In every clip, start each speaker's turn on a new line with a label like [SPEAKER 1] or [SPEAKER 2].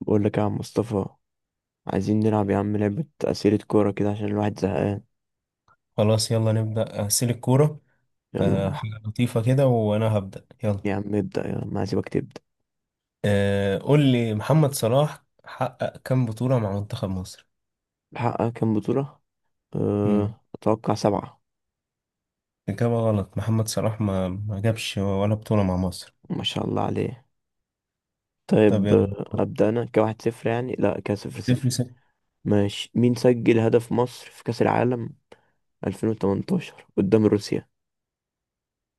[SPEAKER 1] بقول لك يا عم مصطفى. عايزين نلعب يا عم لعبة أسئلة كورة كده عشان الواحد زهقان.
[SPEAKER 2] خلاص يلا نبدأ أسيل الكورة.
[SPEAKER 1] يلا يا عم.
[SPEAKER 2] حاجة لطيفة كده وأنا هبدأ يلا.
[SPEAKER 1] يا عم ابدأ يلا، ما هسيبك تبدأ.
[SPEAKER 2] قول لي، محمد صلاح حقق كام بطولة مع منتخب مصر؟
[SPEAKER 1] محقق كام بطولة؟
[SPEAKER 2] مم.
[SPEAKER 1] أتوقع سبعة.
[SPEAKER 2] إجابة غلط، محمد صلاح ما جابش ولا بطولة مع مصر.
[SPEAKER 1] ما شاء الله عليه.
[SPEAKER 2] طب
[SPEAKER 1] طيب،
[SPEAKER 2] يلا.
[SPEAKER 1] أبدأ أنا كواحد صفر، يعني لا كصفر
[SPEAKER 2] صفر
[SPEAKER 1] صفر.
[SPEAKER 2] صفر.
[SPEAKER 1] ماشي، مين سجل هدف مصر في كأس العالم 2018 قدام روسيا؟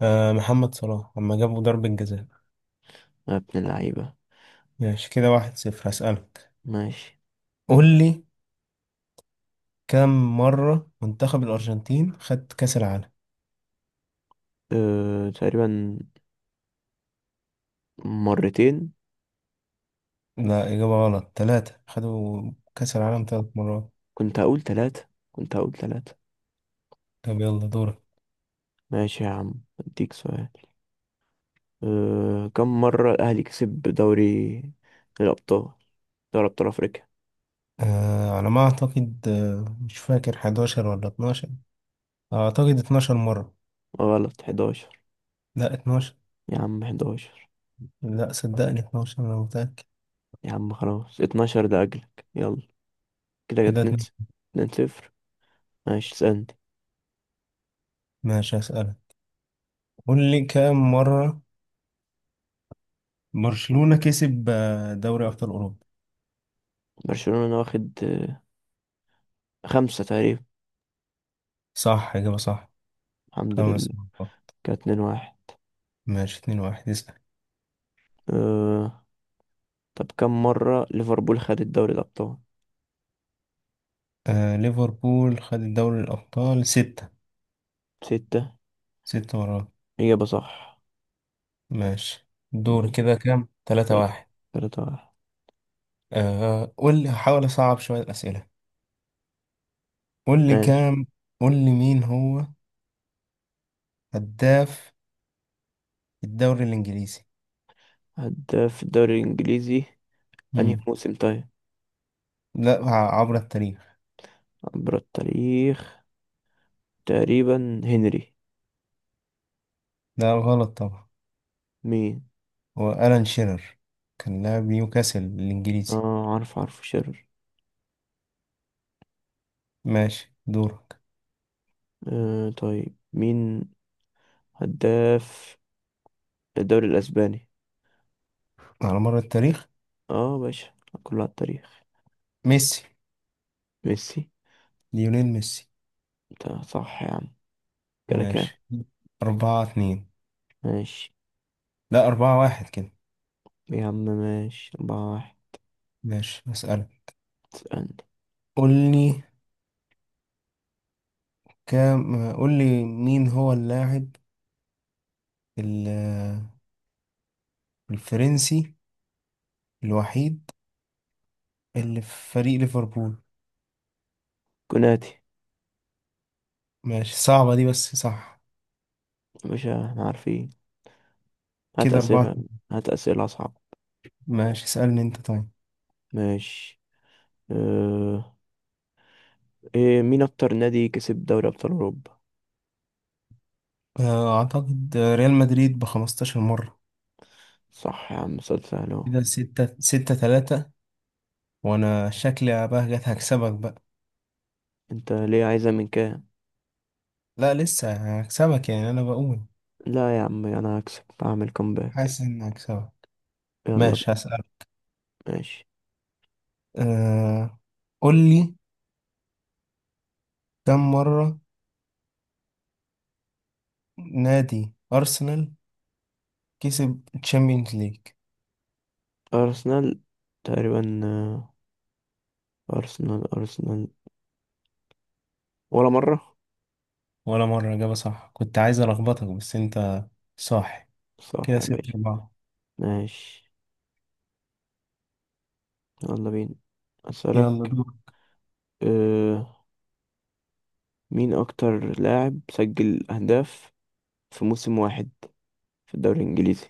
[SPEAKER 2] آه، محمد صلاح لما جابوا ضربة جزاء.
[SPEAKER 1] يا ابن اللعيبة.
[SPEAKER 2] ماشي، كده واحد صفر. هسألك،
[SPEAKER 1] ماشي.
[SPEAKER 2] قول لي كم مرة منتخب الأرجنتين خد كأس العالم؟
[SPEAKER 1] تقريبا مرتين.
[SPEAKER 2] لا، إجابة غلط، تلاتة، خدوا كأس العالم تلات مرات.
[SPEAKER 1] كنت هقول ثلاثة، كنت هقول ثلاثة.
[SPEAKER 2] طب يلا دورك.
[SPEAKER 1] ماشي يا عم، اديك سؤال. كم مرة الأهلي كسب دوري الأبطال، دوري أبطال أفريقيا؟
[SPEAKER 2] آه، على ما أعتقد مش فاكر 11 ولا 12، أعتقد 12 مرة.
[SPEAKER 1] غلط، 11.
[SPEAKER 2] لا، 12.
[SPEAKER 1] يا عم، 11.
[SPEAKER 2] لا، صدقني 12، أنا متأكد.
[SPEAKER 1] يا عم خلاص، 12 ده أجلك، يلا. كده
[SPEAKER 2] كده
[SPEAKER 1] جت نت.
[SPEAKER 2] اتنين.
[SPEAKER 1] 2-0. ماشي، اسألني.
[SPEAKER 2] ماشي، هسألك، قول لي كام مرة برشلونة كسب دوري أبطال أوروبا؟
[SPEAKER 1] برشلونة واخد خمسة تقريبا.
[SPEAKER 2] صح، إجابة صح.
[SPEAKER 1] الحمد
[SPEAKER 2] خمس
[SPEAKER 1] لله.
[SPEAKER 2] مرات.
[SPEAKER 1] كده 2 واحد.
[SPEAKER 2] ماشي اتنين واحد، اسأل.
[SPEAKER 1] أه... طب كم مرة ليفربول خدت دوري الأبطال؟
[SPEAKER 2] آه، ليفربول خد دوري الأبطال ستة،
[SPEAKER 1] ستة.
[SPEAKER 2] ستة مرات.
[SPEAKER 1] إجابة صح.
[SPEAKER 2] ماشي، دور،
[SPEAKER 1] م-
[SPEAKER 2] كده كام، تلاتة
[SPEAKER 1] تلاتة.
[SPEAKER 2] واحد.
[SPEAKER 1] 3-1.
[SPEAKER 2] آه، قول لي، هحاول أصعب شوية الأسئلة. قول لي
[SPEAKER 1] ماشي.
[SPEAKER 2] كام، قول لي مين هو هداف الدوري الإنجليزي؟
[SPEAKER 1] هداف الدوري الإنجليزي؟ أنهي
[SPEAKER 2] مم.
[SPEAKER 1] موسم طيب؟
[SPEAKER 2] لا، عبر التاريخ.
[SPEAKER 1] عبر التاريخ؟ تقريبا هنري.
[SPEAKER 2] لا، غلط طبعا.
[SPEAKER 1] مين؟
[SPEAKER 2] هو ألان شيرر، كان لاعب نيوكاسل الإنجليزي.
[SPEAKER 1] اه، عارف عارف شرر.
[SPEAKER 2] ماشي دورك.
[SPEAKER 1] طيب، مين هداف الدوري الاسباني؟
[SPEAKER 2] على مر التاريخ.
[SPEAKER 1] اه باشا، كله على التاريخ.
[SPEAKER 2] ميسي.
[SPEAKER 1] ميسي.
[SPEAKER 2] ليونيل ميسي.
[SPEAKER 1] انت صح يا عم، كده كام؟
[SPEAKER 2] ماشي، أربعة اتنين.
[SPEAKER 1] ماشي
[SPEAKER 2] لا، أربعة واحد كده.
[SPEAKER 1] يا عم. ماشي 4-1.
[SPEAKER 2] ماشي، أسألك.
[SPEAKER 1] تسألني؟
[SPEAKER 2] قول لي كام، قول لي مين هو اللاعب ال- الفرنسي الوحيد اللي في فريق ليفربول؟
[SPEAKER 1] كوناتي.
[SPEAKER 2] ماشي، صعبة دي بس صح.
[SPEAKER 1] يا باشا، احنا عارفين. هات
[SPEAKER 2] كده
[SPEAKER 1] أسئلة.
[SPEAKER 2] أربعة.
[SPEAKER 1] هات أسئلة أصعب.
[SPEAKER 2] ماشي، اسألني انت طيب.
[SPEAKER 1] ماشي. اه إيه، مين أكتر نادي كسب دوري أبطال أوروبا؟
[SPEAKER 2] اعتقد ريال مدريد ب 15 مرة.
[SPEAKER 1] صح يا عم، سؤال سهل أهو.
[SPEAKER 2] كده ستة، ستة تلاتة، وانا شكلي بقى جت، هكسبك بقى.
[SPEAKER 1] أنت ليه عايزها من كام؟
[SPEAKER 2] لا لسه، هكسبك يعني، انا بقول.
[SPEAKER 1] لا يا عم، انا هكسب اعمل كومباك.
[SPEAKER 2] حاسس اني هكسبك.
[SPEAKER 1] يلا بقى.
[SPEAKER 2] ماشي، هسألك.
[SPEAKER 1] ماشي.
[SPEAKER 2] أه قول لي كم مرة نادي ارسنال كسب تشامبيونز ليج؟
[SPEAKER 1] ارسنال تقريبا، ارسنال ارسنال، ولا مرة.
[SPEAKER 2] ولا مرة، اجابة صح، كنت عايز الخبطك بس انت صح.
[SPEAKER 1] صح
[SPEAKER 2] كده
[SPEAKER 1] يا
[SPEAKER 2] ستة
[SPEAKER 1] باشا.
[SPEAKER 2] أربعة.
[SPEAKER 1] ماشي، يلا بينا.
[SPEAKER 2] يلا
[SPEAKER 1] اسألك.
[SPEAKER 2] دور.
[SPEAKER 1] أه مين اكتر لاعب سجل اهداف في موسم واحد في الدوري الانجليزي؟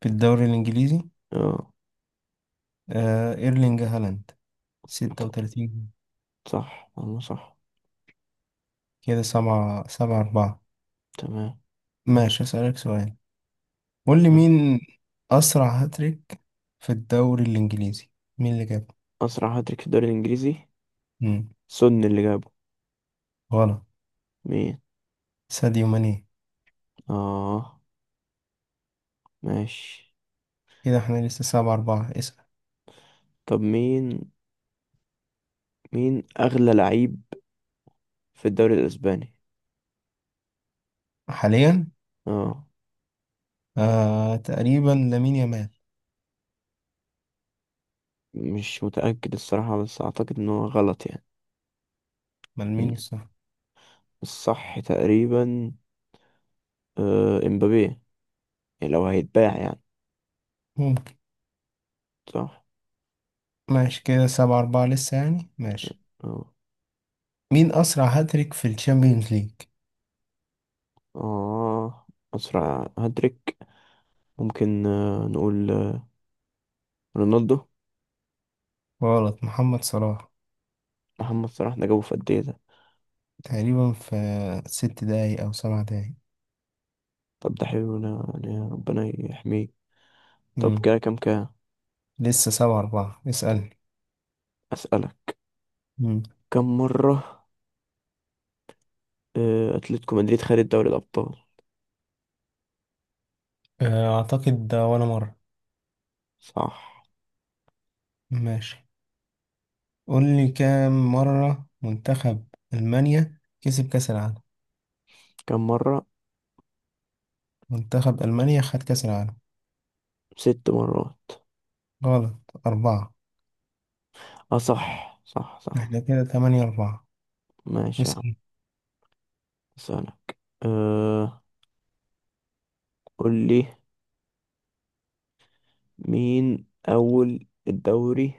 [SPEAKER 2] في الدوري الانجليزي.
[SPEAKER 1] اه.
[SPEAKER 2] ايرلينج هالاند،
[SPEAKER 1] ت-
[SPEAKER 2] 36.
[SPEAKER 1] صح والله صح.
[SPEAKER 2] كده سبعة، سبعة أربعة.
[SPEAKER 1] تمام.
[SPEAKER 2] ماشي، أسألك سؤال. قول لي،
[SPEAKER 1] يلا.
[SPEAKER 2] مين أسرع هاتريك في الدوري الإنجليزي، مين اللي جابه؟
[SPEAKER 1] اسرع هاتريك في الدوري الانجليزي؟
[SPEAKER 2] مم.
[SPEAKER 1] سون اللي جابه.
[SPEAKER 2] غلط.
[SPEAKER 1] مين؟
[SPEAKER 2] ساديو ماني.
[SPEAKER 1] اه. ماشي.
[SPEAKER 2] كده احنا لسه سبعة أربعة، اسأل.
[SPEAKER 1] طب مين اغلى لعيب في الدوري الاسباني؟
[SPEAKER 2] حاليا.
[SPEAKER 1] اه،
[SPEAKER 2] تقريبا لامين يامال.
[SPEAKER 1] مش متأكد الصراحة، بس اعتقد ان هو غلط يعني.
[SPEAKER 2] ما
[SPEAKER 1] م.
[SPEAKER 2] لامين الصح.
[SPEAKER 1] الصح تقريبا، امبابي يعني، لو هيتباع يعني.
[SPEAKER 2] ممكن.
[SPEAKER 1] صح.
[SPEAKER 2] ماشي، كده سبعة أربعة لسه يعني، ماشي.
[SPEAKER 1] اه
[SPEAKER 2] مين أسرع هاتريك في الشامبيونز ليج؟
[SPEAKER 1] اه اسرع هاتريك، ممكن نقول رونالدو.
[SPEAKER 2] غلط، محمد صلاح.
[SPEAKER 1] محمد صلاح، ده جابه في قد ايه ده؟
[SPEAKER 2] تقريبا في ست دقايق أو سبع دقايق.
[SPEAKER 1] طب ده حلو ده، يعني ربنا يحميه. طب
[SPEAKER 2] مم.
[SPEAKER 1] كده كام؟
[SPEAKER 2] لسه سبعة أربعة، اسألني.
[SPEAKER 1] اسألك. كم مرة اتلتيكو مدريد خد دوري الابطال؟
[SPEAKER 2] أعتقد ده ولا مرة.
[SPEAKER 1] صح.
[SPEAKER 2] ماشي، قول لي كام مرة منتخب ألمانيا كسب كأس العالم.
[SPEAKER 1] كم مرة؟
[SPEAKER 2] منتخب ألمانيا خد كأس العالم.
[SPEAKER 1] 6 مرات.
[SPEAKER 2] غلط. أربعة.
[SPEAKER 1] اه صح صح صح.
[SPEAKER 2] احنا كده تمانية أربعة.
[SPEAKER 1] ماشي يا عم.
[SPEAKER 2] اسأل.
[SPEAKER 1] اسألك. أه قول لي مين أول الدوري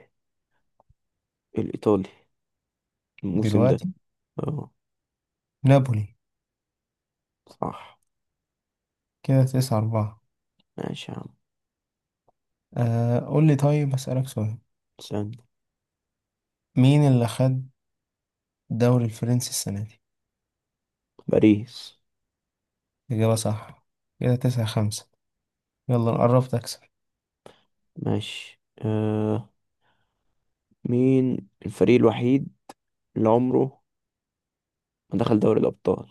[SPEAKER 1] الإيطالي الموسم ده؟
[SPEAKER 2] دلوقتي.
[SPEAKER 1] اه.
[SPEAKER 2] نابولي.
[SPEAKER 1] صح.
[SPEAKER 2] كده تسعة أربعة.
[SPEAKER 1] ماشي يا عم.
[SPEAKER 2] قول لي طيب، أسألك سؤال.
[SPEAKER 1] استنى.
[SPEAKER 2] مين اللي خد الدوري الفرنسي السنة دي؟
[SPEAKER 1] باريس.
[SPEAKER 2] إجابة صح. كده تسعة خمسة. يلا نقرب تكسب.
[SPEAKER 1] ماشي، مين الفريق الوحيد اللي عمره ما دخل دوري الأبطال؟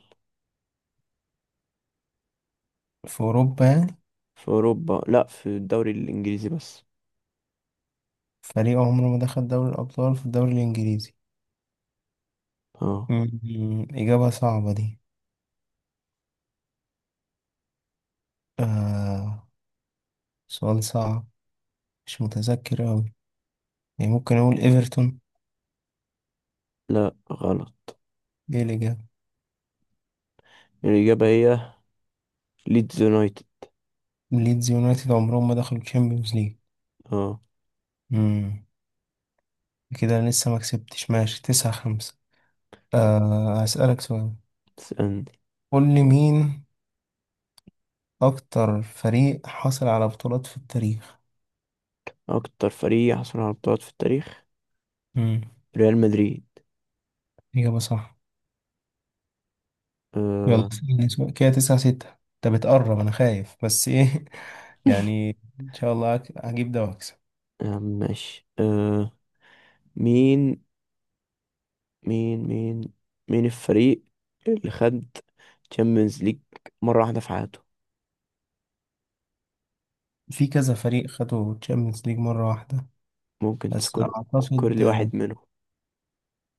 [SPEAKER 2] في أوروبا يعني.
[SPEAKER 1] في أوروبا؟ لا، في الدوري الإنجليزي بس.
[SPEAKER 2] فريق عمره ما دخل دوري الأبطال في الدوري الإنجليزي.
[SPEAKER 1] اه.
[SPEAKER 2] إجابة صعبة دي. آه سؤال صعب. مش متذكر أوي. يعني ممكن أقول إيفرتون.
[SPEAKER 1] لا غلط.
[SPEAKER 2] دي الإجابة.
[SPEAKER 1] الإجابة هي ليدز يونايتد.
[SPEAKER 2] ليدز يونايتد عمرهم ما دخلوا الشامبيونز ليج.
[SPEAKER 1] اه.
[SPEAKER 2] مم. كده أنا لسه ما كسبتش، ماشي تسعة خمسة. هسألك سؤال.
[SPEAKER 1] استنى،
[SPEAKER 2] قول لي، مين أكتر فريق حصل على بطولات في التاريخ؟
[SPEAKER 1] أكتر فريق حصل على بطولات في التاريخ؟
[SPEAKER 2] مم.
[SPEAKER 1] ريال مدريد.
[SPEAKER 2] إجابة صح. يلا،
[SPEAKER 1] آه.
[SPEAKER 2] اسألني سؤال. كده تسعة ستة. أنت بتقرب، أنا خايف بس إيه يعني. إن شاء الله هجيب ده وأكسب.
[SPEAKER 1] يا عم ماشي، مين مين مين مين الفريق اللي خد تشامبيونز ليج مرة واحدة في حياته؟
[SPEAKER 2] في كذا فريق خدوا الشامبيونز ليج مرة واحدة.
[SPEAKER 1] ممكن
[SPEAKER 2] بس
[SPEAKER 1] تذكر تذكر
[SPEAKER 2] أعتقد
[SPEAKER 1] لي واحد منهم.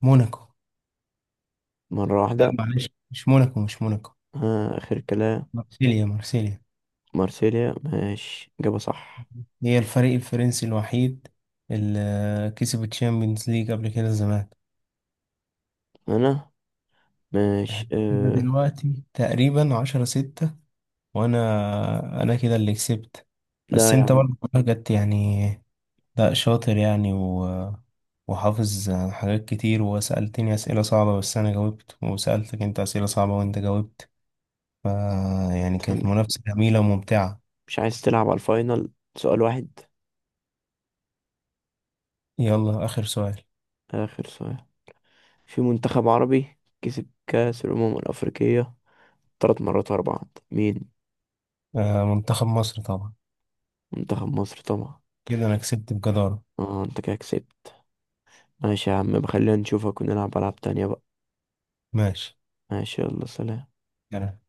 [SPEAKER 2] موناكو.
[SPEAKER 1] مرة
[SPEAKER 2] لا،
[SPEAKER 1] واحدة؟
[SPEAKER 2] معلش، مش موناكو، مش موناكو.
[SPEAKER 1] آخر كلام.
[SPEAKER 2] مارسيليا، مارسيليا.
[SPEAKER 1] مارسيليا. ماشي، إجابة صح.
[SPEAKER 2] هي الفريق الفرنسي الوحيد اللي كسب الشامبيونز ليج قبل كده زمان.
[SPEAKER 1] أنا.
[SPEAKER 2] احنا
[SPEAKER 1] ماشي،
[SPEAKER 2] كده دلوقتي تقريبا عشرة ستة. وأنا كده اللي كسبت.
[SPEAKER 1] لا
[SPEAKER 2] بس
[SPEAKER 1] يا
[SPEAKER 2] أنت
[SPEAKER 1] عم.
[SPEAKER 2] برضه جت يعني. لا، شاطر يعني وحافظ حاجات كتير، وسألتني أسئلة صعبة بس أنا جاوبت، وسألتك أنت أسئلة صعبة وأنت جاوبت. ف يعني
[SPEAKER 1] أنت
[SPEAKER 2] كانت
[SPEAKER 1] مش
[SPEAKER 2] منافسة جميلة وممتعة.
[SPEAKER 1] مش عايز تلعب على الفاينل؟ سؤال واحد.
[SPEAKER 2] يلا آخر سؤال.
[SPEAKER 1] آخر سؤال. في منتخب عربي كسب كأس الأمم الأفريقية 3 مرات ورا بعض، مين؟
[SPEAKER 2] آه، منتخب مصر طبعا.
[SPEAKER 1] منتخب مصر طبعا.
[SPEAKER 2] كده أنا كسبت بجدارة.
[SPEAKER 1] اه، انت كده كسبت. ماشي يا عم، بخلينا نشوفك ونلعب ألعاب تانية بقى.
[SPEAKER 2] ماشي
[SPEAKER 1] ماشي، يلا سلام.
[SPEAKER 2] يعني.